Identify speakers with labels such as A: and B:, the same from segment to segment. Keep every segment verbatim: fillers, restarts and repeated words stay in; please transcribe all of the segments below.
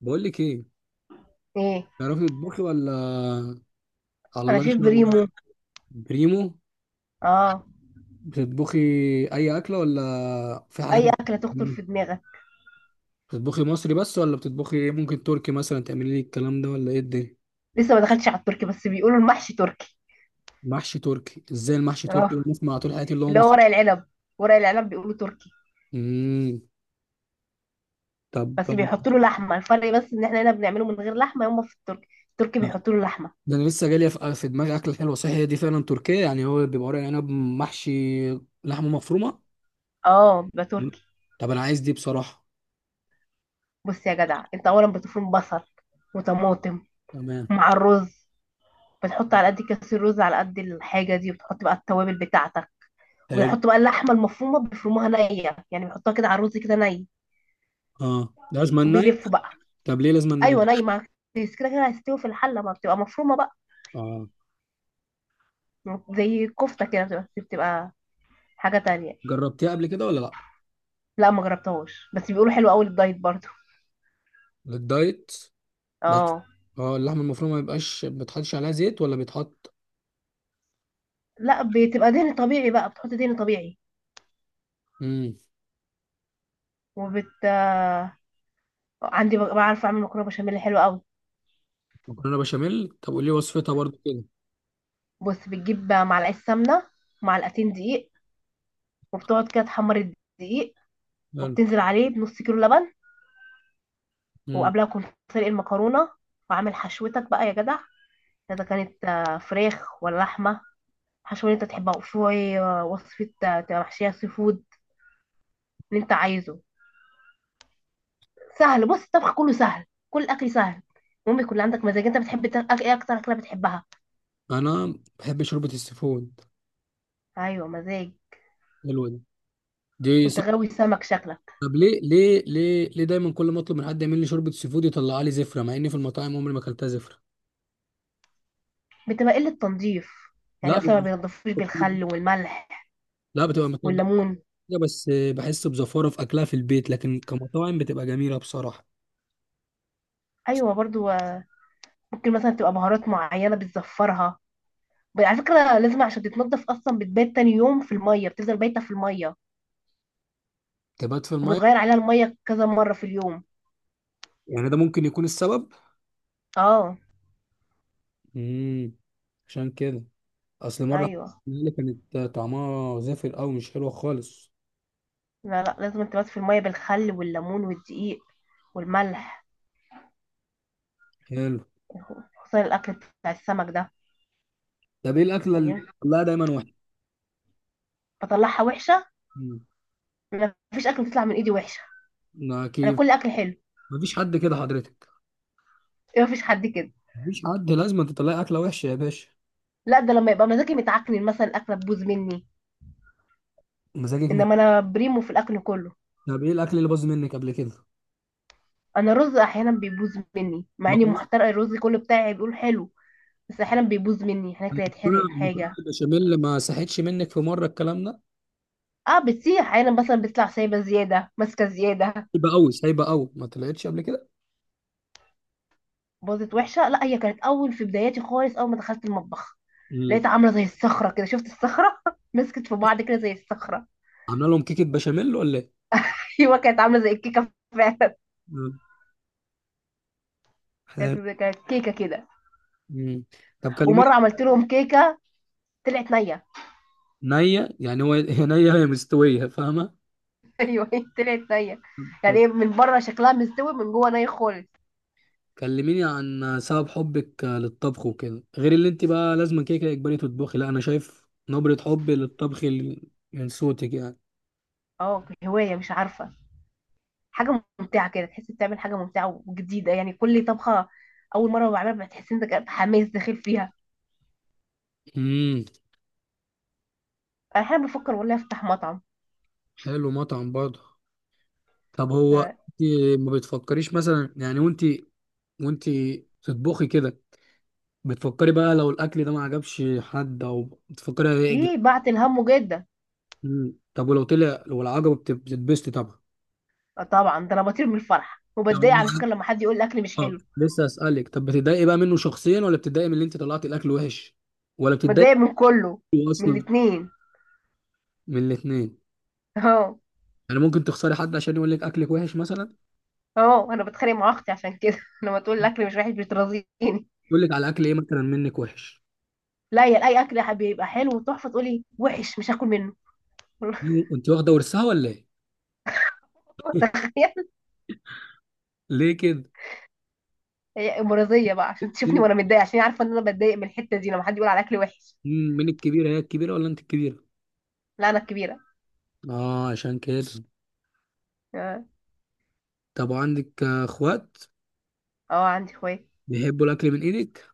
A: بقول لك ايه.
B: ايه؟
A: تعرفي تطبخي ولا؟ على
B: انا
A: الله ان
B: شايف
A: شاء الله.
B: بريمو.
A: بريمو.
B: اه.
A: بتطبخي اي اكله ولا في حاجات
B: اي
A: بت-
B: اكله تخطر في دماغك.
A: بتطبخي مصري بس ولا بتطبخي إيه؟ ممكن تركي مثلا تعملي لي الكلام ده ولا ايه الدنيا؟
B: لسه ما دخلتش على التركي بس بيقولوا المحشي تركي.
A: محشي تركي؟ ازاي المحشي تركي
B: اه،
A: اللي بنسمع طول حياتي اللي هو
B: اللي هو
A: مصري.
B: ورق العنب. ورق العنب بيقولوا تركي.
A: امم طب،
B: بس بيحطوا له لحمه. الفرق بس ان احنا هنا بنعمله من غير لحمه، يوم في التركي التركي بيحطوا له لحمه.
A: ده انا لسه جالي في في دماغي اكله حلوه، صح؟ هي دي فعلا تركيه يعني، هو بيبقى ورق عنب محشي لحمه مفرومه.
B: اه، بيبقى
A: مم.
B: تركي.
A: طب انا عايز دي بصراحه.
B: بص يا جدع، انت اولا بتفرم بصل وطماطم
A: تمام.
B: مع الرز. بتحط على قد كاس الرز على قد الحاجه دي، وبتحط بقى التوابل بتاعتك.
A: حلو.
B: وبيحطوا بقى اللحمه المفرومه، بيفرموها نيه، يعني بيحطوها كده على الرز كده ني.
A: اه، ده لازم ناي.
B: وبيلفوا بقى.
A: طب ليه لازم ناي؟
B: ايوه، نايمه. بس كده كده هيستوي في الحله، ما بتبقى مفرومه بقى،
A: اه.
B: زي الكفته كده، بتبقى بتبقى حاجه تانية.
A: جربتيها قبل كده ولا لا؟
B: لا ما جربتهاش بس بيقولوا حلو قوي للدايت برضو.
A: للدايت؟ بس
B: اه.
A: اه، اللحمه المفرومه ما يبقاش، ما بيتحطش عليها زيت ولا بيتحط؟
B: لا بتبقى دهن طبيعي بقى، بتحط دهن طبيعي.
A: امم
B: وبت عندي ب- بعرف اعمل مكرونه بشاميل حلو قوي.
A: مكرونه بشاميل. طب قولي لي وصفتها برضو كده.
B: بص، بتجيب معلقه سمنه، معلقتين دقيق، وبتقعد كده تحمر الدقيق.
A: حلو.
B: وبتنزل عليه بنص كيلو لبن.
A: امم
B: وقبلها كنت سلق المكرونه، وعامل حشوتك بقى يا جدع. اذا كانت آه، فراخ ولا لحمه، حشوة اللي انت تحبها، وشوية وصفة تبقى محشية سي فود اللي انت عايزه. سهل، بص الطبخ كله سهل، كل الاكل سهل. المهم يكون عندك مزاج. انت بتحب تا- أك- ايه اكتر اكلة بتحبها؟
A: انا بحب شوربه السيفود.
B: ايوه، مزاج.
A: حلوه دي. دي
B: انت
A: صح.
B: غاوي سمك شكلك.
A: طب ليه ليه ليه ليه دايما كل ما اطلب من حد يعمل لي شوربه سيفود يطلع لي زفره، مع اني في المطاعم عمري ما اكلتها زفره؟
B: بتبقى قلة تنظيف. يعني
A: لا،
B: مثلا ما
A: بيبقى.
B: بينضفوش بالخل والملح
A: لا، بتبقى متنضفه
B: والليمون.
A: كده، بس بحس بزفاره في اكلها في البيت، لكن كمطاعم بتبقى جميله بصراحه.
B: ايوه برضو. آه، ممكن مثلا تبقى بهارات معينة بتزفرها. ب- على فكرة لازم عشان تتنضف اصلا بتبات تاني يوم في المية، بتفضل بايتة في المية،
A: تبات في الميه؟
B: وبتغير عليها المية كذا مرة في اليوم.
A: يعني ده ممكن يكون السبب.
B: اه.
A: امم عشان كده. اصل مره
B: ايوه.
A: اللي كانت طعمها زفر قوي مش حلوه خالص.
B: لا لا، لازم تبات في المية بالخل والليمون والدقيق والملح،
A: حلو.
B: خصوصا الأكل بتاع السمك ده.
A: طب ايه الاكله اللي
B: يعني
A: بتطلعها دايما وحشه؟
B: بطلعها وحشة؟
A: مم.
B: ما فيش أكل بتطلع من إيدي وحشة.
A: ما
B: أنا
A: كيف.
B: كل أكل حلو.
A: مفيش حد كده حضرتك.
B: ما فيش حد كده.
A: مفيش حد، لازم تطلعي اكله وحشه يا باشا.
B: لا، ده لما يبقى مزاجي متعكن مثلا الأكلة تبوظ مني،
A: مزاجك مت...
B: إنما أنا بريمو في الأكل كله.
A: طب ايه الاكل اللي باظ منك قبل كده؟
B: أنا الرز أحيانا بيبوظ مني، مع إني
A: المكرونه.
B: محترقة الرز كله بتاعي بيقول حلو. بس أحيانا بيبوظ مني، أحيانا كده يتحرق
A: المكرونه المكرونه
B: حاجة.
A: البشاميل ما صحتش منك في مره، الكلام ده.
B: اه بتسيح أحيانا، مثلا بتطلع سايبة زيادة، ماسكة زيادة.
A: هيبقى قوي سايبه قوي، ما طلعتش قبل كده.
B: باظت وحشه، لا هي كانت اول، في بداياتي خالص اول ما دخلت المطبخ
A: امم
B: لقيتها عامله زي الصخره كده. شفت الصخره؟ مسكت في بعض كده زي الصخره.
A: عامله لهم كيكه بشاميل ولا ايه؟
B: ايوه كانت عامله زي الكيكه فعلا.
A: مم.
B: كانت
A: حلو.
B: كانت كيكه كده.
A: مم. طب كلمي.
B: ومره عملت لهم كيكه، طلعت نيه.
A: نية؟ يعني هو هي نية هي مستوية فاهمة.
B: ايوه طلعت نيه. يعني
A: طب
B: ايه، من بره شكلها مستوي، من جوه ني خالص.
A: كلميني عن سبب حبك للطبخ وكده، غير اللي انت بقى لازم كده كده اجباري تطبخي. لا، انا شايف نبرة حب للطبخ ال- من صوتك يعني.
B: اه هوايه، مش عارفه. حاجه ممتعه كده، تحس بتعمل حاجه ممتعه وجديده. يعني كل طبخه اول مره بعملها بتحس انك حماس داخل فيها.
A: امم
B: انا احيانا بفكر والله افتح مطعم.
A: حلو، مطعم برضه. طب هو
B: آه،
A: انت ما بتفكريش مثلا يعني، وانت وانت تطبخي كده، بتفكري بقى لو الاكل ده ما عجبش حد او بتفكري هيعجب؟
B: ايه بعت الهم جدا.
A: مم. طب ولو طلع، لو العجب بتتبسطي طبعا.
B: آه طبعا، ده انا بطير من الفرح،
A: طب
B: وبتضايق على فكره لما حد يقول الاكل مش
A: اه،
B: حلو.
A: لسه اسالك، طب بتتضايقي بقى منه شخصيا، ولا بتتضايقي من اللي انت طلعتي الاكل وحش، ولا بتتضايقي
B: بتضايق من كله.
A: منه
B: من
A: اصلا؟
B: الاتنين.
A: من الاثنين.
B: اهو.
A: يعني ممكن تخسري حد عشان يقول لك اكلك وحش مثلا؟
B: اهو انا بتخانق مع اختي عشان كده لما تقول الاكل مش وحش بترازيني.
A: يقول لك على اكل ايه مثلا منك وحش؟
B: لا يا، اي اكل يا حبيبي يبقى حلو وتحفه تقولي وحش مش هاكل منه.
A: انت واخده ورثها ولا ايه؟
B: تخيل.
A: ليه كده؟
B: هي مرضيه بقى عشان تشوفني
A: مين
B: وانا متضايقه، عشان هي عارفه ان انا بتضايق من الحته دي لما حد يقول على اكل وحش.
A: مين الكبيره، هي الكبيره ولا انت الكبيره؟
B: لا انا الكبيره.
A: اه عشان كده.
B: اه.
A: طب وعندك آه، اخوات؟
B: آه، عندي اخوات.
A: بيحبوا الاكل من ايدك؟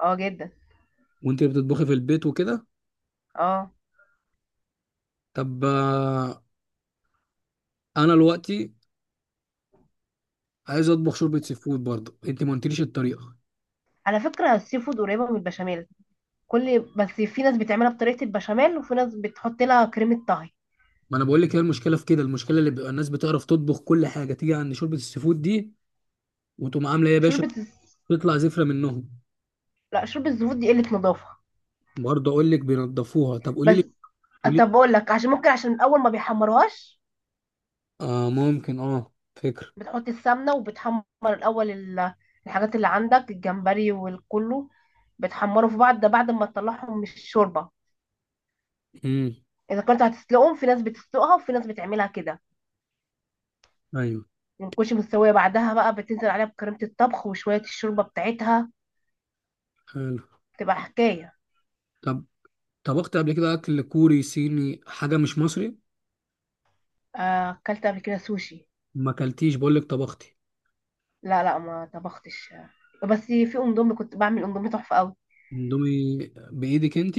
B: اه جدا.
A: وانت اللي بتطبخي في البيت وكده؟
B: اه.
A: طب آه، انا دلوقتي عايز اطبخ شوربه سي فود برضه، انت ما قلتليش الطريقه.
B: على فكره السي فود قريبه من البشاميل. كل بس في ناس بتعملها بطريقة البشاميل، وفي ناس بتحط لها كريمة طهي.
A: ما انا بقول لك، هي المشكله في كده، المشكله اللي بيبقى الناس بتعرف تطبخ كل حاجه تيجي عند شوربه السي فود دي، وتقوم عامله ايه يا باشا،
B: شوربة الز-
A: تطلع زفره منهم.
B: لا، شوربة الزبود دي قلة نظافة.
A: برضه اقول لك بينضفوها، طب قولي لي،
B: بس.
A: قولي لي.
B: طب اقول لك، عشان ممكن عشان اول ما بيحمروهاش،
A: اه ممكن، اه فكره.
B: بتحط السمنة وبتحمر الاول ال- الحاجات اللي عندك، الجمبري والكله بتحمره في بعض. ده بعد ما تطلعهم من الشوربة،
A: امم
B: اذا كنت هتسلقهم، في ناس بتسلقها وفي ناس بتعملها كده.
A: ايوه.
B: ما بتكونش مستوية، بعدها بقى بتنزل عليها بكريمة الطبخ وشوية الشوربة بتاعتها،
A: حلو.
B: تبقى حكاية.
A: طب طبخت قبل كده اكل كوري صيني، حاجه مش مصري؟
B: آه، اكلت قبل كده سوشي.
A: ما اكلتيش، بقول لك طبختي.
B: لا لا ما طبختش، بس في اندومي كنت بعمل اندومي تحفه قوي.
A: اندومي؟ بايدك انت؟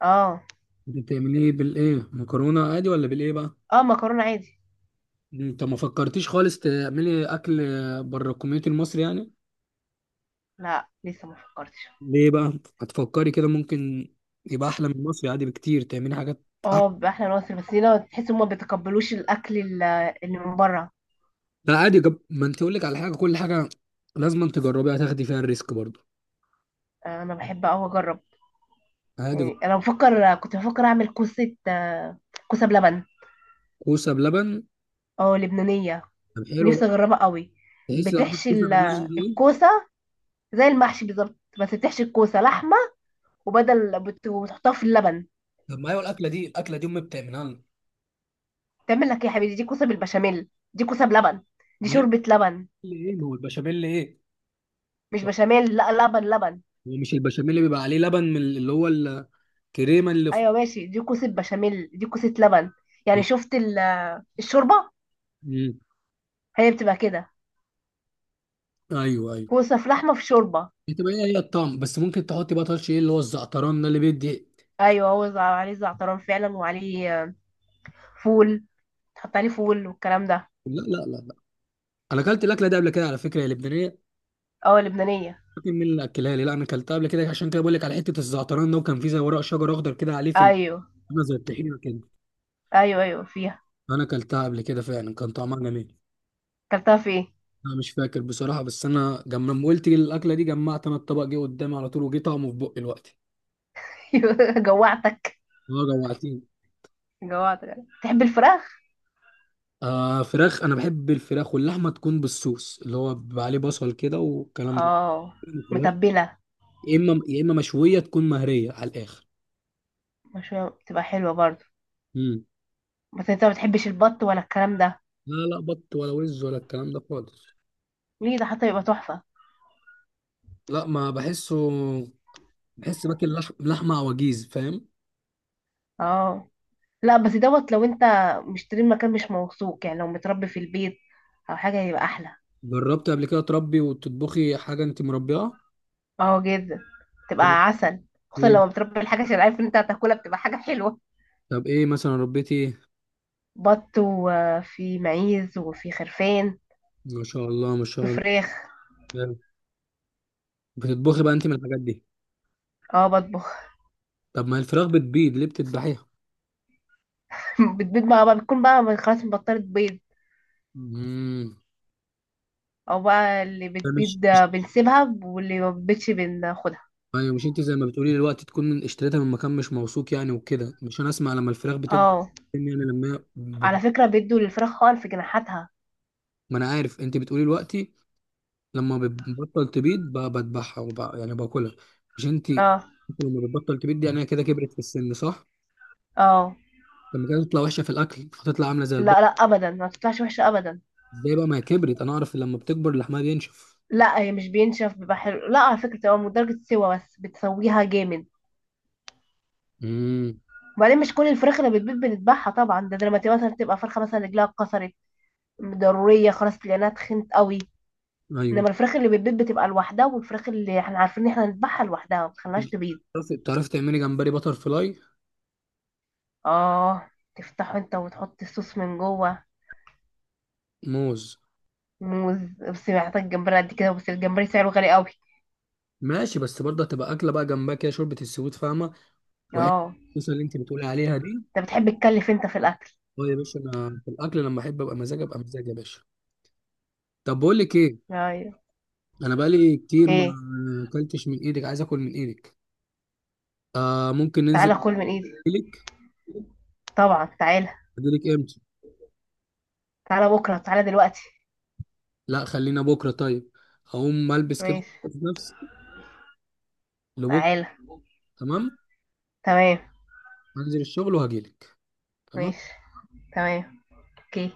B: اه.
A: بتعمليه ايه؟ بالايه، مكرونه عادي ولا بالايه بقى؟
B: اه مكرونه عادي.
A: انت ما فكرتيش خالص تعملي اكل بره الكوميونتي المصري يعني؟
B: لا لسه ما فكرتش.
A: ليه بقى؟ هتفكري كده ممكن؟ يبقى احلى من مصر عادي بكتير، تعملي حاجات احلى.
B: اه باحلى ناصر، بس هنا تحس ان ما بيتقبلوش الاكل ال- اللي من بره.
A: لا، عادي جب... ما انت اقول لك على حاجه، كل حاجه لازم انت تجربيها، هتاخدي فيها الريسك برضه،
B: آه، انا بحب قوي اجرب.
A: عادي.
B: يعني انا بفكر، كنت بفكر اعمل كوسه، آه، كوسه بلبن.
A: كوسه بلبن.
B: اه لبنانيه.
A: طب حلو
B: نفسي
A: بقى.
B: اجربها قوي.
A: تحسي لو عملت
B: بتحشي
A: كوسه
B: ال-
A: باللبن دي ايه؟
B: الكوسه زي المحشي بالظبط، بس بتحشي الكوسه لحمه، وبدل بت- وبتحطها في اللبن.
A: طب ما ايوه الاكله دي، الاكله دي امي بتعملها لنا.
B: تعمل لك إيه يا حبيبي؟ دي كوسه بالبشاميل، دي كوسه بلبن، دي
A: بيعمل
B: شوربه لبن.
A: ايه، ما هو البشاميل ايه؟
B: مش
A: هو
B: بشاميل، لا لبن لبن.
A: مش البشاميل اللي بيبقى عليه لبن، من اللي هو الكريمه اللي في...؟
B: ايوه ماشي، دي كوسه بشاميل دي كوسه لبن. يعني شفت ال- الشوربه،
A: مم.
B: هي بتبقى كده،
A: ايوه ايوه
B: كوسه في لحمه في شوربه.
A: بتبقى هي هي الطعم، بس ممكن تحطي بقى طرش، ايه اللي هو الزعتران ده اللي بيدي؟
B: ايوه هو زع- عليه زعتران فعلا، وعليه آه، فول، تحط عليه فول والكلام ده.
A: لا لا لا، انا اكلت الاكله دي قبل كده على فكره، يا لبنانيه.
B: اه لبنانيه.
A: لكن مين اللي اكلها لي؟ لا انا اكلتها قبل كده، عشان كده بقول لك على حته الزعتران ده، وكان فيه زي ورق شجر اخضر كده عليه في ال-
B: ايوه
A: عامله زي الطحينه كده.
B: ايوه ايوه فيها.
A: انا اكلتها قبل كده فعلا، كان طعمها جميل.
B: اكلتها في ايه؟
A: انا مش فاكر بصراحه، بس انا جم- لما قلت لي الاكله دي جمعت، انا الطبق جه قدامي على طول، وجه طعمه في بقي دلوقتي.
B: جوعتك.
A: اه جوعتني.
B: جوعتك. تحب الفراخ.
A: آه فراخ، انا بحب الفراخ واللحمه تكون بالصوص اللي هو بيبقى عليه بصل كده والكلام ده.
B: اه.
A: الفراخ
B: متبله.
A: يا اما يا اما مشويه تكون مهريه على الاخر.
B: مشوية بتبقى حلوه برضه.
A: امم
B: بس انت ما بتحبش البط ولا الكلام ده؟
A: لا لا، بط ولا وز ولا الكلام ده خالص.
B: ليه، ده حتى يبقى تحفة.
A: لا ما بحسه، بحس باكل لح... لحمه عواجيز، فاهم.
B: اه، لا بس دوت لو انت مشتري مكان مش موثوق، يعني لو متربي في البيت او حاجة هيبقى احلى.
A: جربت قبل كده تربي وتطبخي حاجه انت مربيها؟
B: اه جدا،
A: ايه؟
B: تبقى عسل. خصوصا
A: إيه؟
B: لو متربي الحاجة، عشان عارف ان انت هتاكلها، بتبقى حاجة حلوة.
A: طب ايه مثلا ربيتي ايه؟
B: بط وفي معيز وفي خرفان
A: ما شاء الله ما شاء الله.
B: وفراخ.
A: حلو. بتطبخي بقى انت من الحاجات دي؟
B: اه بطبخ.
A: طب ما الفراخ بتبيض، ليه بتذبحيها؟
B: بتبيض بقى, بقى بتكون بقى خلاص بطلت بيض،
A: امم
B: او بقى اللي
A: ده مش
B: بتبيض
A: مش-
B: بنسيبها واللي ما بتبيضش بناخدها.
A: ايوه مش انت زي ما بتقولي دلوقتي، تكون اشتريتها من مكان مش موثوق يعني وكده، مش انا اسمع لما الفراخ بتكبر،
B: اه
A: يعني لما هي ب-
B: على فكرة بيدوا للفراخ خالص في جناحاتها.
A: ما انا عارف انت بتقولي دلوقتي، لما بتبطل تبيض ب- بذبحها وب- يعني باكلها. مش انت
B: اه.
A: انت لما بتبطل تبيض دي، يعني هي كده كبرت في السن صح؟
B: اه.
A: لما كانت تطلع وحشه في الاكل فتطلع عامله زي
B: لا
A: البقر.
B: لا ابدا، ما تطلعش وحشه ابدا.
A: ازاي بقى، ما هي كبرت، انا اعرف لما بتكبر لحمها بينشف.
B: لا هي مش بينشف، بيبقى حلو، لا على فكره، تبقى من درجه سوا بس بتسويها جامد.
A: امم
B: وبعدين مش كل الفراخ اللي بتبيض بنذبحها طبعا، ده, ده لما تبقى مثلا تبقى فرخه مثلا رجلها اتكسرت ضروريه خلاص لانها تخنت قوي. انما
A: ايوه.
B: الفراخ اللي بتبيض بتبقى لوحدها، والفراخ اللي احنا عارفين ان احنا نذبحها لوحدها ما بتخليهاش تبيض.
A: تعرفي تعرفي تعملي جمبري بتر فلاي؟
B: اه. تفتحه انت وتحط الصوص من جوه.
A: موز.
B: موز. بس محتاج جمبري قد كده، بس الجمبري سعره غالي قوي.
A: ماشي، بس برضه هتبقى اكله بقى، جنبها كده شوربه السويت فاهمه، وحته
B: اه.
A: الصوص اللي انت بتقولي عليها دي.
B: انت بتحب تكلف انت في الاكل.
A: اه يا باشا، انا في الاكل لما احب ابقى مزاج، ابقى مزاج يا باشا. طب بقول لك ايه،
B: ايوه.
A: انا بقالي كتير ما
B: ايه.
A: اكلتش من ايدك، عايز اكل من ايدك. آه ممكن
B: تعالى
A: ننزل.
B: كل من ايدي.
A: اجيلك
B: طبعا تعالى.
A: اجيلك امتى؟
B: تعالى بكرة، تعالى دلوقتي.
A: لا خلينا بكره طيب، هقوم البس كده
B: ماشي.
A: نفسي. لبكره.
B: تعالى.
A: تمام.
B: تمام.
A: هنزل الشغل وهجيلك. تمام.
B: ماشي. تمام. اوكي.